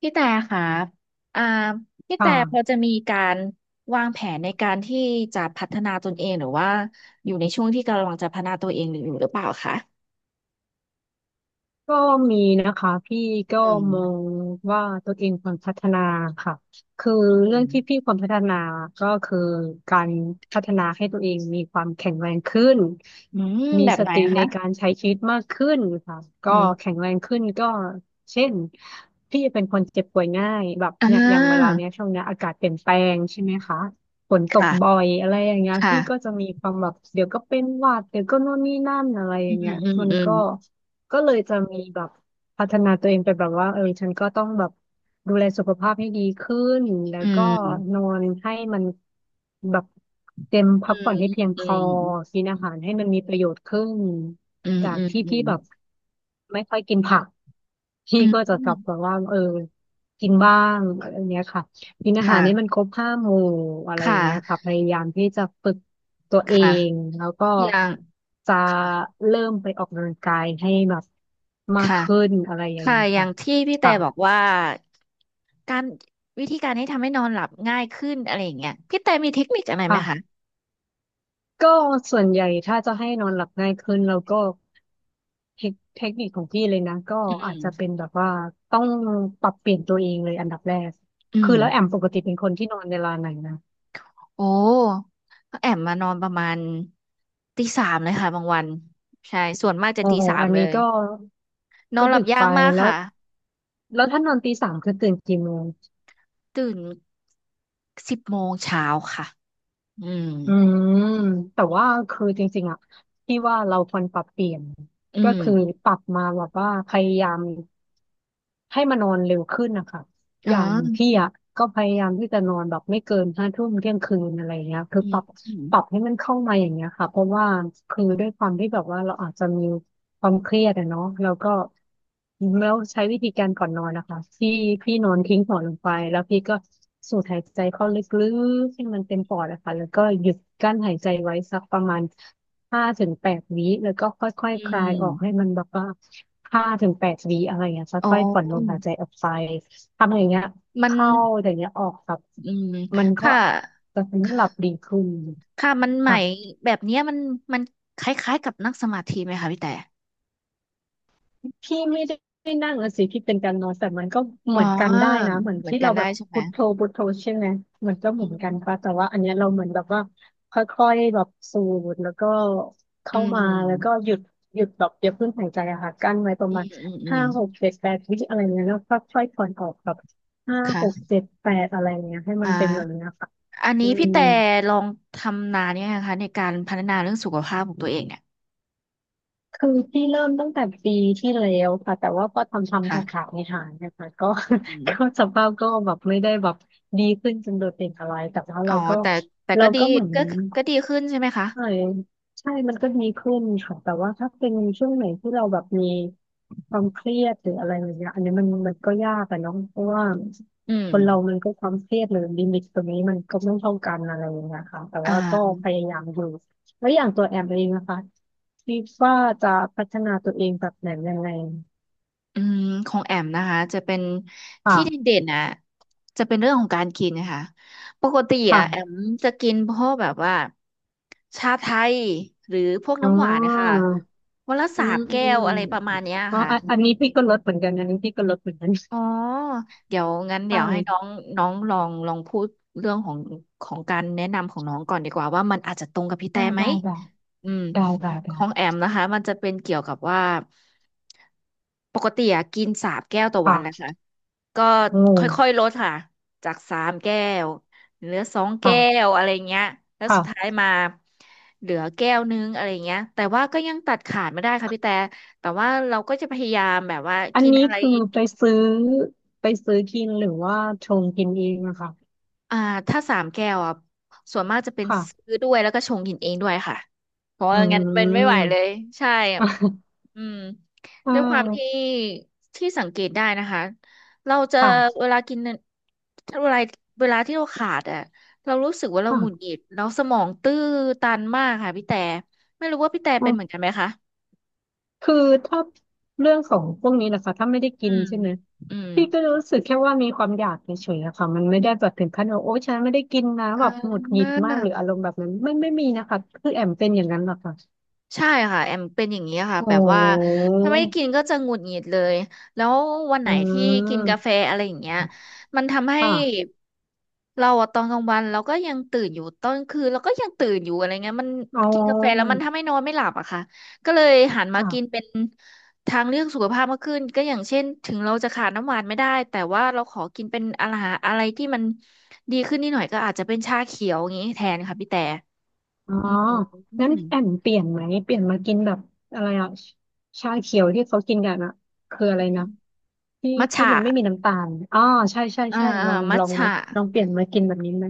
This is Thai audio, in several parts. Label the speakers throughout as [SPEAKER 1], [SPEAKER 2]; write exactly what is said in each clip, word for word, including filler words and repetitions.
[SPEAKER 1] พี่แต่คระอ่าพี่
[SPEAKER 2] ค
[SPEAKER 1] แต่พอ
[SPEAKER 2] ่ะ
[SPEAKER 1] จะมีการวางแผนในการที่จะพัฒนาตนเองหรือว่าอยู่ในช่วงที่กำลังจะพัฒนาตัวเองอยู่หรือเปล่าคะ
[SPEAKER 2] ก็มีนะคะพี่ก็
[SPEAKER 1] อืม
[SPEAKER 2] มองว่าตัวเองควรพัฒนาค่ะคือ
[SPEAKER 1] อื
[SPEAKER 2] เรื่อง
[SPEAKER 1] ม
[SPEAKER 2] ที่พี่ควรพัฒนาก็คือการพัฒนาให้ตัวเองมีความแข็งแรงขึ้น
[SPEAKER 1] อืม
[SPEAKER 2] มี
[SPEAKER 1] แบบ
[SPEAKER 2] ส
[SPEAKER 1] ไหน
[SPEAKER 2] ติใน
[SPEAKER 1] คะ
[SPEAKER 2] การใช้ชีวิตมากขึ้นค่ะก็
[SPEAKER 1] อืม
[SPEAKER 2] แข็งแรงขึ้นก็เช่นพี่เป็นคนเจ็บป่วยง่ายแบบ
[SPEAKER 1] อ่
[SPEAKER 2] เนี่ยอย่างเวลา
[SPEAKER 1] า
[SPEAKER 2] เนี้ยช่วงเนี้ยอากาศเปลี่ยนแปลงใช่ไหมคะฝนตก
[SPEAKER 1] ค่ะ
[SPEAKER 2] บ่อยอะไรอย่างเงี้ย
[SPEAKER 1] ค่ะ
[SPEAKER 2] พี่ก็จะมีความแบบเดี๋ยวก็เป็นหวัดเดี๋ยวก็โน่นนี่นั่นอะไรอ
[SPEAKER 1] อื
[SPEAKER 2] ย่าง
[SPEAKER 1] ม
[SPEAKER 2] เงี้ย
[SPEAKER 1] อืม
[SPEAKER 2] มัน
[SPEAKER 1] อืม
[SPEAKER 2] ก็ ก็เลยจะมีแบบพัฒนาตัวเองไปแบบว่าเออฉันก็ต้องแบบดูแลสุขภาพให้ดีขึ้นแล้ว
[SPEAKER 1] อื
[SPEAKER 2] ก็น
[SPEAKER 1] ม
[SPEAKER 2] อนให้มันแบบเต็มพักผ่อนให้เพียงพ
[SPEAKER 1] อื
[SPEAKER 2] อ
[SPEAKER 1] ม
[SPEAKER 2] กินอาหารให้มันมีประโยชน์ขึ้น
[SPEAKER 1] อืม
[SPEAKER 2] จาก
[SPEAKER 1] อืม
[SPEAKER 2] ที่
[SPEAKER 1] อื
[SPEAKER 2] พี่
[SPEAKER 1] ม
[SPEAKER 2] แบบไม่ค่อยกินผักพี่
[SPEAKER 1] อืม
[SPEAKER 2] ก็
[SPEAKER 1] อื
[SPEAKER 2] จะ
[SPEAKER 1] ม
[SPEAKER 2] ก
[SPEAKER 1] อื
[SPEAKER 2] ลับ
[SPEAKER 1] ม
[SPEAKER 2] แบบว่าเออกินบ้างอะไรอย่างเงี้ยค่ะ กินอาหารนี่มัน
[SPEAKER 1] ค่ะ
[SPEAKER 2] ครบห้าหมู่อะไรอ
[SPEAKER 1] ค่ะ
[SPEAKER 2] ย่างเงี้ยค่ะพยายามที่จะฝึกตัวเอ
[SPEAKER 1] ค่ะ
[SPEAKER 2] งแล้วก็
[SPEAKER 1] อย่าง
[SPEAKER 2] จะเริ่มไปออกกำลังกายให้แบบมาก
[SPEAKER 1] ค่ะ
[SPEAKER 2] ขึ้นอะไรอย่าง
[SPEAKER 1] ค่ะ
[SPEAKER 2] เงี้ย
[SPEAKER 1] อย่า
[SPEAKER 2] ค่ะ
[SPEAKER 1] งที่พี่แต่
[SPEAKER 2] ค่ะ
[SPEAKER 1] บอกว่าการวิธีการที่ทำให้นอนหลับง่ายขึ้นอะไรอย่างเงี้ยพี่แต่มีเทคนิคอะไรไหม
[SPEAKER 2] ค่ะ
[SPEAKER 1] คะ
[SPEAKER 2] ก็ส่วนใหญ่ถ้าจะให้นอนหลับง่ายขึ้นเราก็เทคเทคนิคของพี่เลยนะก็
[SPEAKER 1] อื
[SPEAKER 2] อา
[SPEAKER 1] ม
[SPEAKER 2] จจะเป็นแบบว่าต้องปรับเปลี่ยนตัวเองเลยอันดับแรก
[SPEAKER 1] อื
[SPEAKER 2] คือ
[SPEAKER 1] ม
[SPEAKER 2] แล้วแอมปกติเป็นคนที่นอนเวลาไหนนะ
[SPEAKER 1] โอ้ก็แอบมานอนประมาณตีสามเลยค่ะบางวันใช่ส่วนมากจะ
[SPEAKER 2] โอ๋
[SPEAKER 1] ตีสาม
[SPEAKER 2] อัน
[SPEAKER 1] เล
[SPEAKER 2] นี้
[SPEAKER 1] ย
[SPEAKER 2] ก็
[SPEAKER 1] นอ
[SPEAKER 2] ก็
[SPEAKER 1] นหลั
[SPEAKER 2] ดึ
[SPEAKER 1] บ
[SPEAKER 2] ก
[SPEAKER 1] ยา
[SPEAKER 2] ไป
[SPEAKER 1] กมาก
[SPEAKER 2] แล้ว
[SPEAKER 1] ค่ะ
[SPEAKER 2] แล้วถ้านอนตีสามคือตื่นกี่โมง
[SPEAKER 1] ตื่นสิบโมงเช้าค่ะอืม
[SPEAKER 2] อืมแต่ว่าคือจริงๆอะที่ว่าเราควรปรับเปลี่ยน
[SPEAKER 1] อื
[SPEAKER 2] ก็
[SPEAKER 1] ม
[SPEAKER 2] คือปรับมาแบบว่าพยายามให้มานอนเร็วขึ้นนะคะ อ
[SPEAKER 1] อ๋
[SPEAKER 2] ย่าง
[SPEAKER 1] อ
[SPEAKER 2] พี่อ่ะก็พยายามที่จะนอนแบบไม่เกินห้าทุ่มเที่ยงคืนอะไรเงี้ยคือ
[SPEAKER 1] อื
[SPEAKER 2] ป
[SPEAKER 1] ม
[SPEAKER 2] รับ
[SPEAKER 1] อืม
[SPEAKER 2] ปรับให้มันเข้ามาอย่างเงี้ยค่ะเพราะว่าคือด้วยความที่แบบว่าเราอาจจะมีความเครียดอะเนาะแล้วก็แล้วใช้วิธีการก่อนนอนนะคะที่พี่นอนทิ้งหัวลงไปแล้วพี่ก็สูดหายใจเข้าลึกๆให้มันเต็มปอดอะค่ะแล้วก็หยุดกั้นหายใจไว้สักประมาณห้าถึงแปดวิแล้วก็ค่อย
[SPEAKER 1] อื
[SPEAKER 2] ๆคลายออกให้
[SPEAKER 1] ม
[SPEAKER 2] มันแบบว่าห้าถึงแปดวิอะไรอย่างเงี้ย
[SPEAKER 1] อ๋
[SPEAKER 2] ค่อยๆผ่อนลมหาย
[SPEAKER 1] อ
[SPEAKER 2] ใจออกไป ทำอย่างเงี้ย
[SPEAKER 1] มัน
[SPEAKER 2] เข้าอย่างเงี้ยออกแบบ
[SPEAKER 1] อืม
[SPEAKER 2] มันก็
[SPEAKER 1] ค่ะ
[SPEAKER 2] จะทำให้หลับดีขึ้น
[SPEAKER 1] ค่ะมันใหม
[SPEAKER 2] ค่ะ
[SPEAKER 1] แบบเนี้ยมันมันคล้ายๆกับนั่งสมาธิไหมคะพี่แต่
[SPEAKER 2] พี่ไม่ได้นั่งอะสิพี่เป็นการนอนแต่มันก็เห
[SPEAKER 1] อ๋อ
[SPEAKER 2] มือนกันได้นะเหมือน
[SPEAKER 1] เหมือน
[SPEAKER 2] ที่
[SPEAKER 1] กั
[SPEAKER 2] เรา
[SPEAKER 1] นได้
[SPEAKER 2] แบบ
[SPEAKER 1] ใช่ไหม
[SPEAKER 2] พุทโธพุทโธใช่ไหมมันก็เห
[SPEAKER 1] อื
[SPEAKER 2] มือนกัน
[SPEAKER 1] ม
[SPEAKER 2] ปะแต่ว่าอันเนี้ยเราเหมือนแบบว่าค่อยๆแบบสูดแล้วก็
[SPEAKER 1] อื
[SPEAKER 2] เข้ามาแล้วก็
[SPEAKER 1] ม
[SPEAKER 2] หยุดหยุดแบบอย่าเพิ่งหายใจอะค่ะกั้นไว้ประ
[SPEAKER 1] อื
[SPEAKER 2] มา
[SPEAKER 1] ม
[SPEAKER 2] ณ
[SPEAKER 1] อืมอืม
[SPEAKER 2] ห้าหกเจ็ดแปดวิอะไรเงี้ยแล้วค่อยๆผ่อนออกแบบห้าหก
[SPEAKER 1] ค่ะ
[SPEAKER 2] เจ็ดแปดอะไรเงี้ยให้
[SPEAKER 1] อ่
[SPEAKER 2] มันเป็นแบบ
[SPEAKER 1] า
[SPEAKER 2] เนี้ยค่ะ
[SPEAKER 1] อัน
[SPEAKER 2] อื
[SPEAKER 1] นี้พี่
[SPEAKER 2] ม
[SPEAKER 1] แต่ลองทำนานเนี่ยงคะในการพัฒนาเรื่องสุขภาพของตัวเองเนี่ย
[SPEAKER 2] คือพี่เริ่มตั้งแต่ปีที่แล้วค่ะแต่ว่าก็ทำทำขาด
[SPEAKER 1] ค่ะ
[SPEAKER 2] ขาดในหายๆนะคะก็
[SPEAKER 1] อืม
[SPEAKER 2] ก็สภาพก็แบบไม่ได้แบบดีขึ้นจนโดดเด่นอะไรแต่ว่า
[SPEAKER 1] อ๋อ
[SPEAKER 2] เราก็
[SPEAKER 1] แต่แต่
[SPEAKER 2] เรา
[SPEAKER 1] ก็ดี
[SPEAKER 2] ก็เหมือน
[SPEAKER 1] ก็ก็ดีขึ้นใช่ไหมคะ
[SPEAKER 2] ใช่ใช่มันก็ดีขึ้นค่ะแต่ว่าถ้าเป็นช่วงไหนที่เราแบบมีความเครียดหรืออะไรอย่างเงี้ยอันนี้มันมันก็ยากอะเนาะเพราะว่า
[SPEAKER 1] อืม
[SPEAKER 2] คนเรามันก็ความเครียดหรือลิมิตตรงนี้มันก็ไม่เท่ากันอะไรอย่างเงี้ยค่ะแต่
[SPEAKER 1] อ่
[SPEAKER 2] ว่าก็
[SPEAKER 1] า
[SPEAKER 2] พยายามอยู่แล้วอย่างตัวแอมเองนะคะคิดว่าจะพัฒนาตัวเองแบบไหนยังไง
[SPEAKER 1] อืมของแอมนะคะจะเป็นที่
[SPEAKER 2] ค่ะ
[SPEAKER 1] เด่นๆนะจะเป็นเรื่องของการกินนะคะปกติอะแอ
[SPEAKER 2] ค่ะ
[SPEAKER 1] มจะกินพวกแบบว่าชาไทยหรือพวก
[SPEAKER 2] อ๋อ
[SPEAKER 1] น้ำหวานนะคะวันละ
[SPEAKER 2] อื
[SPEAKER 1] สาม
[SPEAKER 2] มอื
[SPEAKER 1] แก้ว
[SPEAKER 2] ม
[SPEAKER 1] อะไรประมาณเนี้ย
[SPEAKER 2] อ๋อ
[SPEAKER 1] ค่ะ
[SPEAKER 2] อันอันนี้พี่ก็ลดเหมือนกันอันนี้พี่ก็ลดเหมือนกัน
[SPEAKER 1] อ๋อเดี๋ยวงั้น
[SPEAKER 2] ไ
[SPEAKER 1] เดี๋ยวให้น้อ
[SPEAKER 2] ด้
[SPEAKER 1] งน้องลองลองพูดเรื่องของของการแนะนำของน้องก่อนดีกว่าว่ามันอาจจะตรงกับพี่แต่
[SPEAKER 2] ได้
[SPEAKER 1] ไหม
[SPEAKER 2] ได้ได้
[SPEAKER 1] อืม
[SPEAKER 2] ได้ได้
[SPEAKER 1] ข
[SPEAKER 2] ได้
[SPEAKER 1] องแอมนะคะมันจะเป็นเกี่ยวกับว่าปกติอะกินสามแก้วต่อวันแหละ
[SPEAKER 2] ค่ะ
[SPEAKER 1] ค่ะ ก็
[SPEAKER 2] โอ
[SPEAKER 1] ค่อยๆล
[SPEAKER 2] ้
[SPEAKER 1] ดค่ะจากสามแก้วเหลือสองแก้
[SPEAKER 2] ค่ะ
[SPEAKER 1] วอะไรเงี้ยแล้วสุด
[SPEAKER 2] ค่ะ
[SPEAKER 1] ท้ายมาเหลือแก้วนึงอะไรเงี้ยแต่ว่าก็ยังตัดขาดไม่ได้ค่ะพี่แต่แต่ว่าเราก็จะพยายามแบบว่า
[SPEAKER 2] อัน
[SPEAKER 1] กิน
[SPEAKER 2] นี้
[SPEAKER 1] อะไร
[SPEAKER 2] คือไปซื้อไปซื้อกินหรือว่าชงกินเองอะค่ะ
[SPEAKER 1] อ่าถ้าสามแก้วอ่ะส่วนมากจะเป็น
[SPEAKER 2] ค่ะ
[SPEAKER 1] ซื้อด้วยแล้วก็ชงกินเองด้วยค่ะเพราะว่า
[SPEAKER 2] อื
[SPEAKER 1] งั้นมันไม่ไหวเลย
[SPEAKER 2] ม
[SPEAKER 1] ใช่อะ อืม
[SPEAKER 2] อ่
[SPEAKER 1] ด้วยความที่
[SPEAKER 2] า
[SPEAKER 1] ที่สังเกตได้นะคะเราจะ
[SPEAKER 2] ค่ะ
[SPEAKER 1] เวลากินถ้าเวลาเวลาที่เราขาดอ่ะเรารู้สึกว่าเรา
[SPEAKER 2] ค่ะ
[SPEAKER 1] หงุดหงิดเราสมองตื้อตันมากค่ะพี่แต่ไม่รู้ว่าพี่แต่
[SPEAKER 2] อื
[SPEAKER 1] เป็นเหมือน
[SPEAKER 2] ม
[SPEAKER 1] กันไหมคะ
[SPEAKER 2] คือถ้าเรื่องของพวกนี้นะคะถ้าไม่ได้
[SPEAKER 1] อื
[SPEAKER 2] กิน
[SPEAKER 1] ม
[SPEAKER 2] ใช่ไหม
[SPEAKER 1] อืม
[SPEAKER 2] พี่ก็รู้สึกแค่ว่ามีความอยากเฉยๆอะค่ะมันไม่ได้แบบถึงขั้นว่าโอ้ฉันไม่ได้กินนะ
[SPEAKER 1] อ่
[SPEAKER 2] แบบหงุดหงิดมากหรือ
[SPEAKER 1] า
[SPEAKER 2] อารมณ์แบบนั้นไม่ไม่มีนะคะคือแอมเป็นอย่างนั้นหรอกค่ะ
[SPEAKER 1] ใช่ค่ะแอมเป็นอย่างนี้ค่ะ
[SPEAKER 2] โอ
[SPEAKER 1] แบบว่า
[SPEAKER 2] ้
[SPEAKER 1] ถ้าไม่ได้กินก็จะหงุดหงิดเลยแล้ววันไห
[SPEAKER 2] อื
[SPEAKER 1] นที่กินกาแฟ
[SPEAKER 2] ม
[SPEAKER 1] อะไรอย่างเงี้ยมันทำให้
[SPEAKER 2] ค่ะ
[SPEAKER 1] เราอะตอนกลางวันเราก็ยังตื่นอยู่ตอนกลางคืนเราก็ยังตื่นอยู่อะไรเงี้ยมัน
[SPEAKER 2] อ๋อ
[SPEAKER 1] กินกาแฟแล้วมันทำให้นอนไม่หลับอะค่ะก็เลยหันมา
[SPEAKER 2] ค่ะ
[SPEAKER 1] กินเป็นทางเลือกสุขภาพมากขึ้นก็อย่างเช่นถึงเราจะขาดน้ำหวานไม่ได้แต่ว่าเราขอกินเป็นอาหารอะไรที่มันดีขึ้นนิดหน่อยก็อาจจะเป็นชาเขียวอย่างนี้แทนค่ะพี่แต่
[SPEAKER 2] อ๋อ
[SPEAKER 1] อืม
[SPEAKER 2] งั้นแอม
[SPEAKER 1] อ
[SPEAKER 2] เปลี่ยนไหมเปลี่ยนมากินแบบอะไรอ่ะชชาเขียวที่เขากินกันอ่ะคืออะ
[SPEAKER 1] ื
[SPEAKER 2] ไร
[SPEAKER 1] ม
[SPEAKER 2] นะที่
[SPEAKER 1] มัท
[SPEAKER 2] ที่
[SPEAKER 1] ฉะ
[SPEAKER 2] มันไม่มีน้ำตาลอ๋อใช่ใช่
[SPEAKER 1] อ่า
[SPEAKER 2] ใช่ล
[SPEAKER 1] อ่า
[SPEAKER 2] อง
[SPEAKER 1] มั
[SPEAKER 2] ล
[SPEAKER 1] ท
[SPEAKER 2] องไหม
[SPEAKER 1] ฉะ
[SPEAKER 2] ลองเปลี่ยนมากินแบบนี้ไหม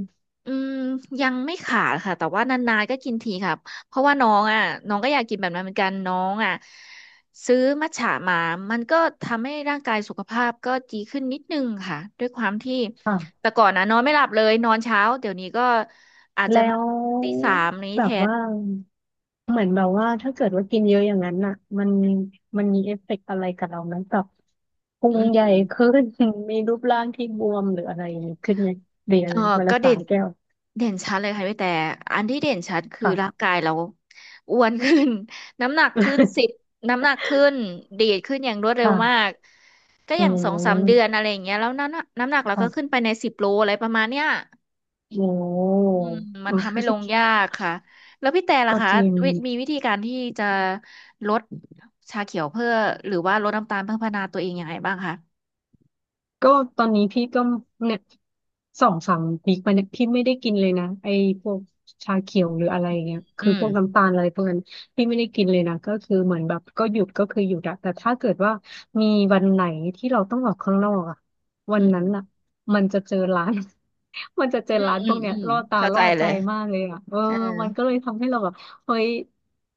[SPEAKER 1] อืมยังไม่ขาดค่ะ แต่ว่านานๆ ก็กินทีครับ เพราะว่าน้องอ่ะน้องก็อยากกินแบบนั้นเหมือนกัน น้องอ่ะซื้อมัทฉะมา มันก็ทำให้ร่างกายสุขภาพก็ดีขึ้นนิดนึงค่ะ ด้วยความที่
[SPEAKER 2] ค่ะ
[SPEAKER 1] แต่ก่อนนะนอนไม่หลับเลย นอนเช้า เดี๋ยวนี้ก็อาจจะ
[SPEAKER 2] แล้
[SPEAKER 1] มา
[SPEAKER 2] ว
[SPEAKER 1] ตีสามนี้
[SPEAKER 2] แบ
[SPEAKER 1] แท
[SPEAKER 2] บ
[SPEAKER 1] น
[SPEAKER 2] ว่าเหมือนแบบว่าถ้าเกิดว่ากินเยอะอย่างนั้นอ่ะมันมันมีเอฟเฟกต์อะไรกับเราไหมแบบพุ
[SPEAKER 1] อื
[SPEAKER 2] งใหญ่
[SPEAKER 1] ม
[SPEAKER 2] ขึ้น มีรูปร่างที่บวมหรืออะไรอย่างนี้ขึ้นไงเดี๋ยวอะ
[SPEAKER 1] เออ
[SPEAKER 2] รเวลา
[SPEAKER 1] ก็เด่
[SPEAKER 2] สา
[SPEAKER 1] น
[SPEAKER 2] แก้ว
[SPEAKER 1] เด่นชัดเลยค่ะพี่แต่อันที่เด่นชัดคือ
[SPEAKER 2] ค่ะ
[SPEAKER 1] ร่างกายเราอ้วนขึ้น น้ำหนักขึ้นสิบ น้ำหนักขึ้นดีดขึ้นอย่างรวดเร็วมา
[SPEAKER 2] ค่ะ
[SPEAKER 1] กก็
[SPEAKER 2] อื
[SPEAKER 1] อย่างสองสามเดือน
[SPEAKER 2] ม
[SPEAKER 1] อะไรอย่างเงี้ยแล้วน้ำหนักน้ำหนักเราก็ขึ้น
[SPEAKER 2] ค่ะ
[SPEAKER 1] ไปในสิบโลอะไรประมาณเนี้ย
[SPEAKER 2] โอ้
[SPEAKER 1] อืมมันทำให้ลงยากค่ะแล้วพี่แต่ ล่ะ
[SPEAKER 2] ก็
[SPEAKER 1] คะ
[SPEAKER 2] จริง
[SPEAKER 1] วิมีวิธีการที่จะลดชาเขียวเพื่อหรือว่าลดน้ำตาลเพื่อพัฒนาตัวเองยังไงบ้างคะ
[SPEAKER 2] ก็ตอนนี้พี่ก็เนี่ยสองสามวีคมาเนี่ยพี่ไม่ได้กินเลยนะไอ้พวกชาเขียวหรืออะไรอย่างเงี้ย
[SPEAKER 1] อื
[SPEAKER 2] คือพวก
[SPEAKER 1] ม
[SPEAKER 2] น้ำตาลอะไรพวกนั้นพี่ไม่ได้กินเลยนะก็คือเหมือนแบบก็หยุดก็คือหยุดอะแต่ถ้าเกิดว่ามีวันไหนที่เราต้องออกข้างนอกอะวั
[SPEAKER 1] อื
[SPEAKER 2] นนั้นอะ
[SPEAKER 1] ม
[SPEAKER 2] มันจะเจอร้าน มันจะเจอ
[SPEAKER 1] อืม
[SPEAKER 2] ร้าน
[SPEAKER 1] อื
[SPEAKER 2] พว
[SPEAKER 1] ม
[SPEAKER 2] กเนี้
[SPEAKER 1] อื
[SPEAKER 2] ย
[SPEAKER 1] ม
[SPEAKER 2] ล่อตา
[SPEAKER 1] เข้าใจ
[SPEAKER 2] ล่อ
[SPEAKER 1] เล
[SPEAKER 2] ใจ
[SPEAKER 1] ย
[SPEAKER 2] มากเลยอ่ะเออ
[SPEAKER 1] เอ
[SPEAKER 2] มันก็เลยทำให้เราแบบเฮ้ย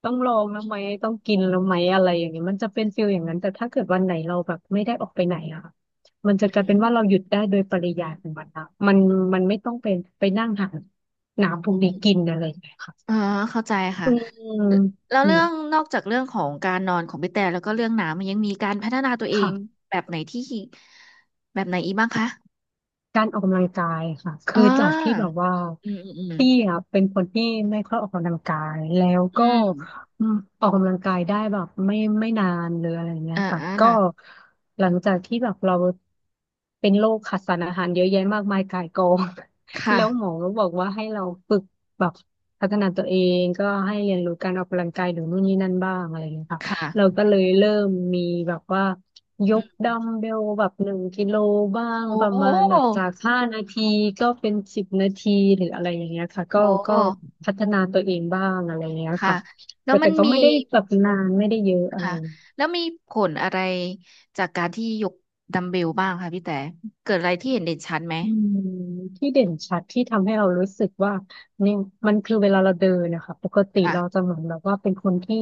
[SPEAKER 2] ต้องลองแล้วไหมต้องกินแล้วไหมอะไรอย่างเงี้ยมันจะเป็นฟิลอย่างนั้นแต่ถ้าเกิดวันไหนเราแบบไม่ได้ออกไปไหนอ่ะมันจะกลายเป็นว่า
[SPEAKER 1] อ
[SPEAKER 2] เราหยุดได้โดยปริยายของมันอะมันมันไม่ต้องเป็นไปนั่งหาน้ำพวกนี้กินอะไรอย่างเงี้ย
[SPEAKER 1] อ๋อ
[SPEAKER 2] ค่ะ
[SPEAKER 1] เข้าใจค่ะ
[SPEAKER 2] อืม
[SPEAKER 1] แลแล้ว
[SPEAKER 2] เนี่
[SPEAKER 1] เรื่อ
[SPEAKER 2] ย
[SPEAKER 1] งนอกจากเรื่องของการนอนของพี่แต่แล้วก็เรื่องน้ำมันยังมีการพัฒนาตัวเอง
[SPEAKER 2] ค่ะ
[SPEAKER 1] แบบไหนที่แบบไหนอีกบ้างคะ
[SPEAKER 2] การออกกำลังกายค่ะ
[SPEAKER 1] อ๋
[SPEAKER 2] คื
[SPEAKER 1] อ
[SPEAKER 2] อจากที่แบบว่า
[SPEAKER 1] อืมอืมอืม
[SPEAKER 2] พี่อะเป็นคนที่ไม่ค่อยออกกำลังกายแล้ว
[SPEAKER 1] อื
[SPEAKER 2] ก็
[SPEAKER 1] ม
[SPEAKER 2] อืมออกกำลังกายได้แบบไม่ไม่นานหรืออะไรเงี้ย
[SPEAKER 1] อ่า
[SPEAKER 2] ค่ะ
[SPEAKER 1] อ่า
[SPEAKER 2] ก็หลังจากที่แบบเราเป็นโรคขาดสารอาหารเยอะแยะมากมายก่ายกอง
[SPEAKER 1] ค่ะ
[SPEAKER 2] แล้วหมอก็บอกว่าให้เราฝึกแบบพัฒนาตัวเองก็ให้เรียนรู้การออกกำลังกายหรือนู่นนี่นั่นบ้างอะไรเงี้ยค่ะเรา
[SPEAKER 1] ค่ะ
[SPEAKER 2] ก็เลยเริ่มมีแบบว่า ย
[SPEAKER 1] อื
[SPEAKER 2] ก
[SPEAKER 1] ม
[SPEAKER 2] ดัมเบลแบบหนึ่งกิโลบ้าง
[SPEAKER 1] โอ้
[SPEAKER 2] ประมาณแบบจา
[SPEAKER 1] โ
[SPEAKER 2] กห้านาทีก็เป็นสิบนาทีหรืออะไรอย่างเงี้ยค่ะก็ก็
[SPEAKER 1] ห
[SPEAKER 2] พัฒนาตัวเองบ้างอะไรอย่างเงี้ย
[SPEAKER 1] ค่ะ
[SPEAKER 2] ค่ะ
[SPEAKER 1] แล้ว
[SPEAKER 2] แต่
[SPEAKER 1] มั
[SPEAKER 2] แต่
[SPEAKER 1] น
[SPEAKER 2] ก็
[SPEAKER 1] มี
[SPEAKER 2] ไม่ได้แบบนานไม่ได้เยอะอะไร
[SPEAKER 1] ค่ะแล้วมีผลอะไรจากการที่ยกดัมเบลบ้างคะพี่แต่เกิดอะไรที่เห็นเด่นชัดไหม
[SPEAKER 2] อืมที่เด่นชัดที่ทำให้เรารู้สึกว่าเนี่ยมันคือเวลาเราเดินนะคะปกติเราจะ
[SPEAKER 1] ค่ะ
[SPEAKER 2] เหมือนแบบว่าเป็นคนที่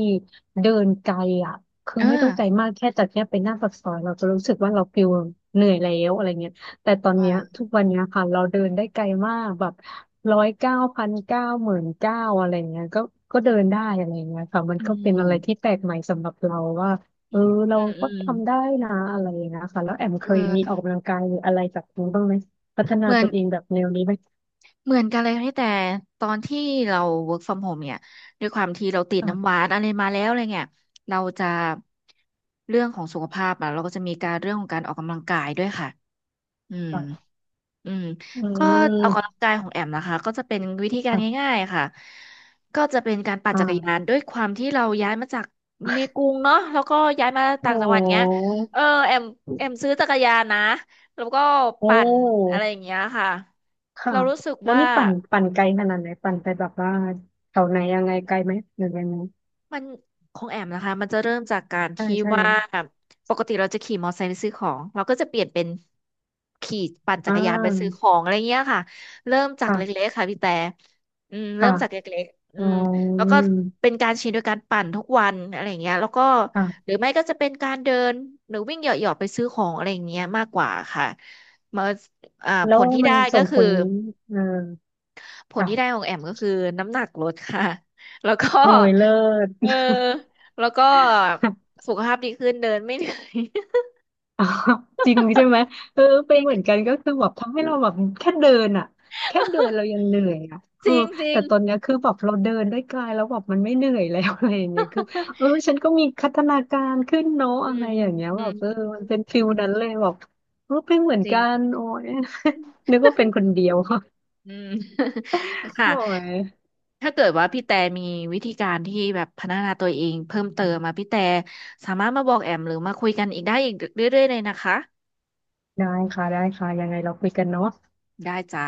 [SPEAKER 2] เดินไกลอ่ะคือ
[SPEAKER 1] เอ่
[SPEAKER 2] ไม่ต้องไกลมากแค่จากเนี้ยไปหน้าปากซอยเราจะรู้สึกว่าเราฟิลเหนื่อยแล้วอะไรเงี้ยแต่
[SPEAKER 1] อ
[SPEAKER 2] ตอนเนี้ย
[SPEAKER 1] ค่า
[SPEAKER 2] ทุกวันเนี้ยค่ะเราเดินได้ไกลมากแบบร้อยเก้าพันเก้าหมื่นเก้าอะไรเงี้ยก็ก็เดินได้อะไรเงี้ยค่ะมัน
[SPEAKER 1] อื
[SPEAKER 2] ก็เป็นอะไรที่
[SPEAKER 1] ม
[SPEAKER 2] แปลกใหม่สำหรับเราว่า
[SPEAKER 1] อื
[SPEAKER 2] เออ
[SPEAKER 1] ม
[SPEAKER 2] เรา
[SPEAKER 1] อื
[SPEAKER 2] ก็
[SPEAKER 1] ม
[SPEAKER 2] ทำได้นะอะไรอย่างเงี้ยค่ะแล้วแอมเคยมีอ
[SPEAKER 1] เออ
[SPEAKER 2] อกกำลังกายหรืออะไรจากนี้บ้างไหม พัฒนา
[SPEAKER 1] เหมือน
[SPEAKER 2] ตัวเองแบบแนวนี้ไหม
[SPEAKER 1] เหมือนกันเลยพี่แต่ตอนที่เรา work from home เนี่ยด้วยความที่เราติดน้ำห
[SPEAKER 2] ค่ะ
[SPEAKER 1] วานอะไรมาแล้วอะไรเงี้ยเราจะเรื่องของสุขภาพอะเราก็จะมีการเรื่องของการออกกำลังกายด้วยค่ะอืม
[SPEAKER 2] ค่ะ
[SPEAKER 1] อืม
[SPEAKER 2] อื
[SPEAKER 1] ก็ออกกำ
[SPEAKER 2] ม
[SPEAKER 1] ลังกายของแอมนะคะก็จะเป็นวิธีการ
[SPEAKER 2] ค่ะ
[SPEAKER 1] ง่ายๆค่ะก็จะเป็นการปั่นจักรยาน
[SPEAKER 2] อ่า
[SPEAKER 1] ด้วยความที่เราย้ายมาจากในกรุงเนาะแล้วก็ย้ายมาต่า
[SPEAKER 2] โอ้
[SPEAKER 1] งจังหวัดเงี้ยเออแอมแอมซื้อจักรยานนะแล้วก็
[SPEAKER 2] โอ้
[SPEAKER 1] ปั่นอะไรอย่างเงี้ยค่ะ
[SPEAKER 2] ค่ะ
[SPEAKER 1] เรารู้สึก
[SPEAKER 2] แล้ว
[SPEAKER 1] ว่า
[SPEAKER 2] นี่ปั่นปั่นไกลขนาดไหนปั่นไปแบบว่าแถวไหนยังไงไกลไหมหรือยังไง
[SPEAKER 1] มันของแอมนะคะมันจะเริ่มจากการ
[SPEAKER 2] ใช่
[SPEAKER 1] ที่
[SPEAKER 2] ใช่
[SPEAKER 1] ว่าปกติเราจะขี่มอเตอร์ไซค์ไปซื้อของเราก็จะเปลี่ยนเป็นขี่ปั่นจั
[SPEAKER 2] อ่
[SPEAKER 1] กรยานไปซื้อข
[SPEAKER 2] า
[SPEAKER 1] องอะไรเงี้ยค่ะเริ่มจาก
[SPEAKER 2] ค่ะ
[SPEAKER 1] เล็กๆค่ะพี่แต่อืมเริ่
[SPEAKER 2] ค่ะ
[SPEAKER 1] มจากเล็ก
[SPEAKER 2] อ๋อ
[SPEAKER 1] ๆแล้ว
[SPEAKER 2] ื
[SPEAKER 1] ก็
[SPEAKER 2] ม
[SPEAKER 1] เป็นการชินโดยการปั่นทุกวันอะไรเงี้ยแล้วก็หรื
[SPEAKER 2] ค่ะ
[SPEAKER 1] อไม่ก็จะเป็นการเดินหรือวิ่งเหยาะๆไปซื้อของอะไรเงี้ยมากกว่าค่ะมาอ่า
[SPEAKER 2] แล้
[SPEAKER 1] ผ
[SPEAKER 2] ว
[SPEAKER 1] ลที่
[SPEAKER 2] มั
[SPEAKER 1] ได้
[SPEAKER 2] น
[SPEAKER 1] ก็
[SPEAKER 2] ส่งผ
[SPEAKER 1] คือ
[SPEAKER 2] ลเออ
[SPEAKER 1] ผลที่ได้
[SPEAKER 2] ค่ะ
[SPEAKER 1] ของแอมก็คือน้ำหนักลดค่ะ แล้วก็
[SPEAKER 2] โอ้ยเลิศ
[SPEAKER 1] เออแล้วก็สุขภาพดีขึ้นเดินไม่เหนื่อย
[SPEAKER 2] อ๋อ จริงใช่ไหมเออเป็นเหมือนกันก็คือแบบทำให้เราแบบแค่เดินอ่ะแค่เดินเรายั งเหนื่อยอ่ะเอ
[SPEAKER 1] จ
[SPEAKER 2] อ
[SPEAKER 1] ริงจริ
[SPEAKER 2] แต่
[SPEAKER 1] ง
[SPEAKER 2] ตอนเนี้ยคือแบบเราเดินด้วยกายแล้วแบบมันไม่เหนื่อยแล้ว อะไรอย่างเงี้ยคือเออ ฉันก็มีพัฒนาการขึ้นเนาะ
[SPEAKER 1] อื
[SPEAKER 2] อะไร
[SPEAKER 1] ม
[SPEAKER 2] อย่างเงี้ย
[SPEAKER 1] อื
[SPEAKER 2] แบบ
[SPEAKER 1] ม
[SPEAKER 2] เออมันเป็นฟิลนั้นเลยแบบเออเป็นเหมือน
[SPEAKER 1] จริง
[SPEAKER 2] กันโอ้ย นึกว่าเป็นคนเดียว
[SPEAKER 1] อืม ค่ะ
[SPEAKER 2] โอ้ย
[SPEAKER 1] ถ้าเกิดว่าพี่แต่มีวิธีการที่แบบพัฒนาตัวเองเพิ่มเติมมาพี่แต่สามารถมาบอกแอมหรือมาคุยกันอีกได้อีกเรื่อยๆเลยนะคะ
[SPEAKER 2] ได้ค่ะได้ค่ะยังไงเราคุยกันเนาะ
[SPEAKER 1] ได้จ้า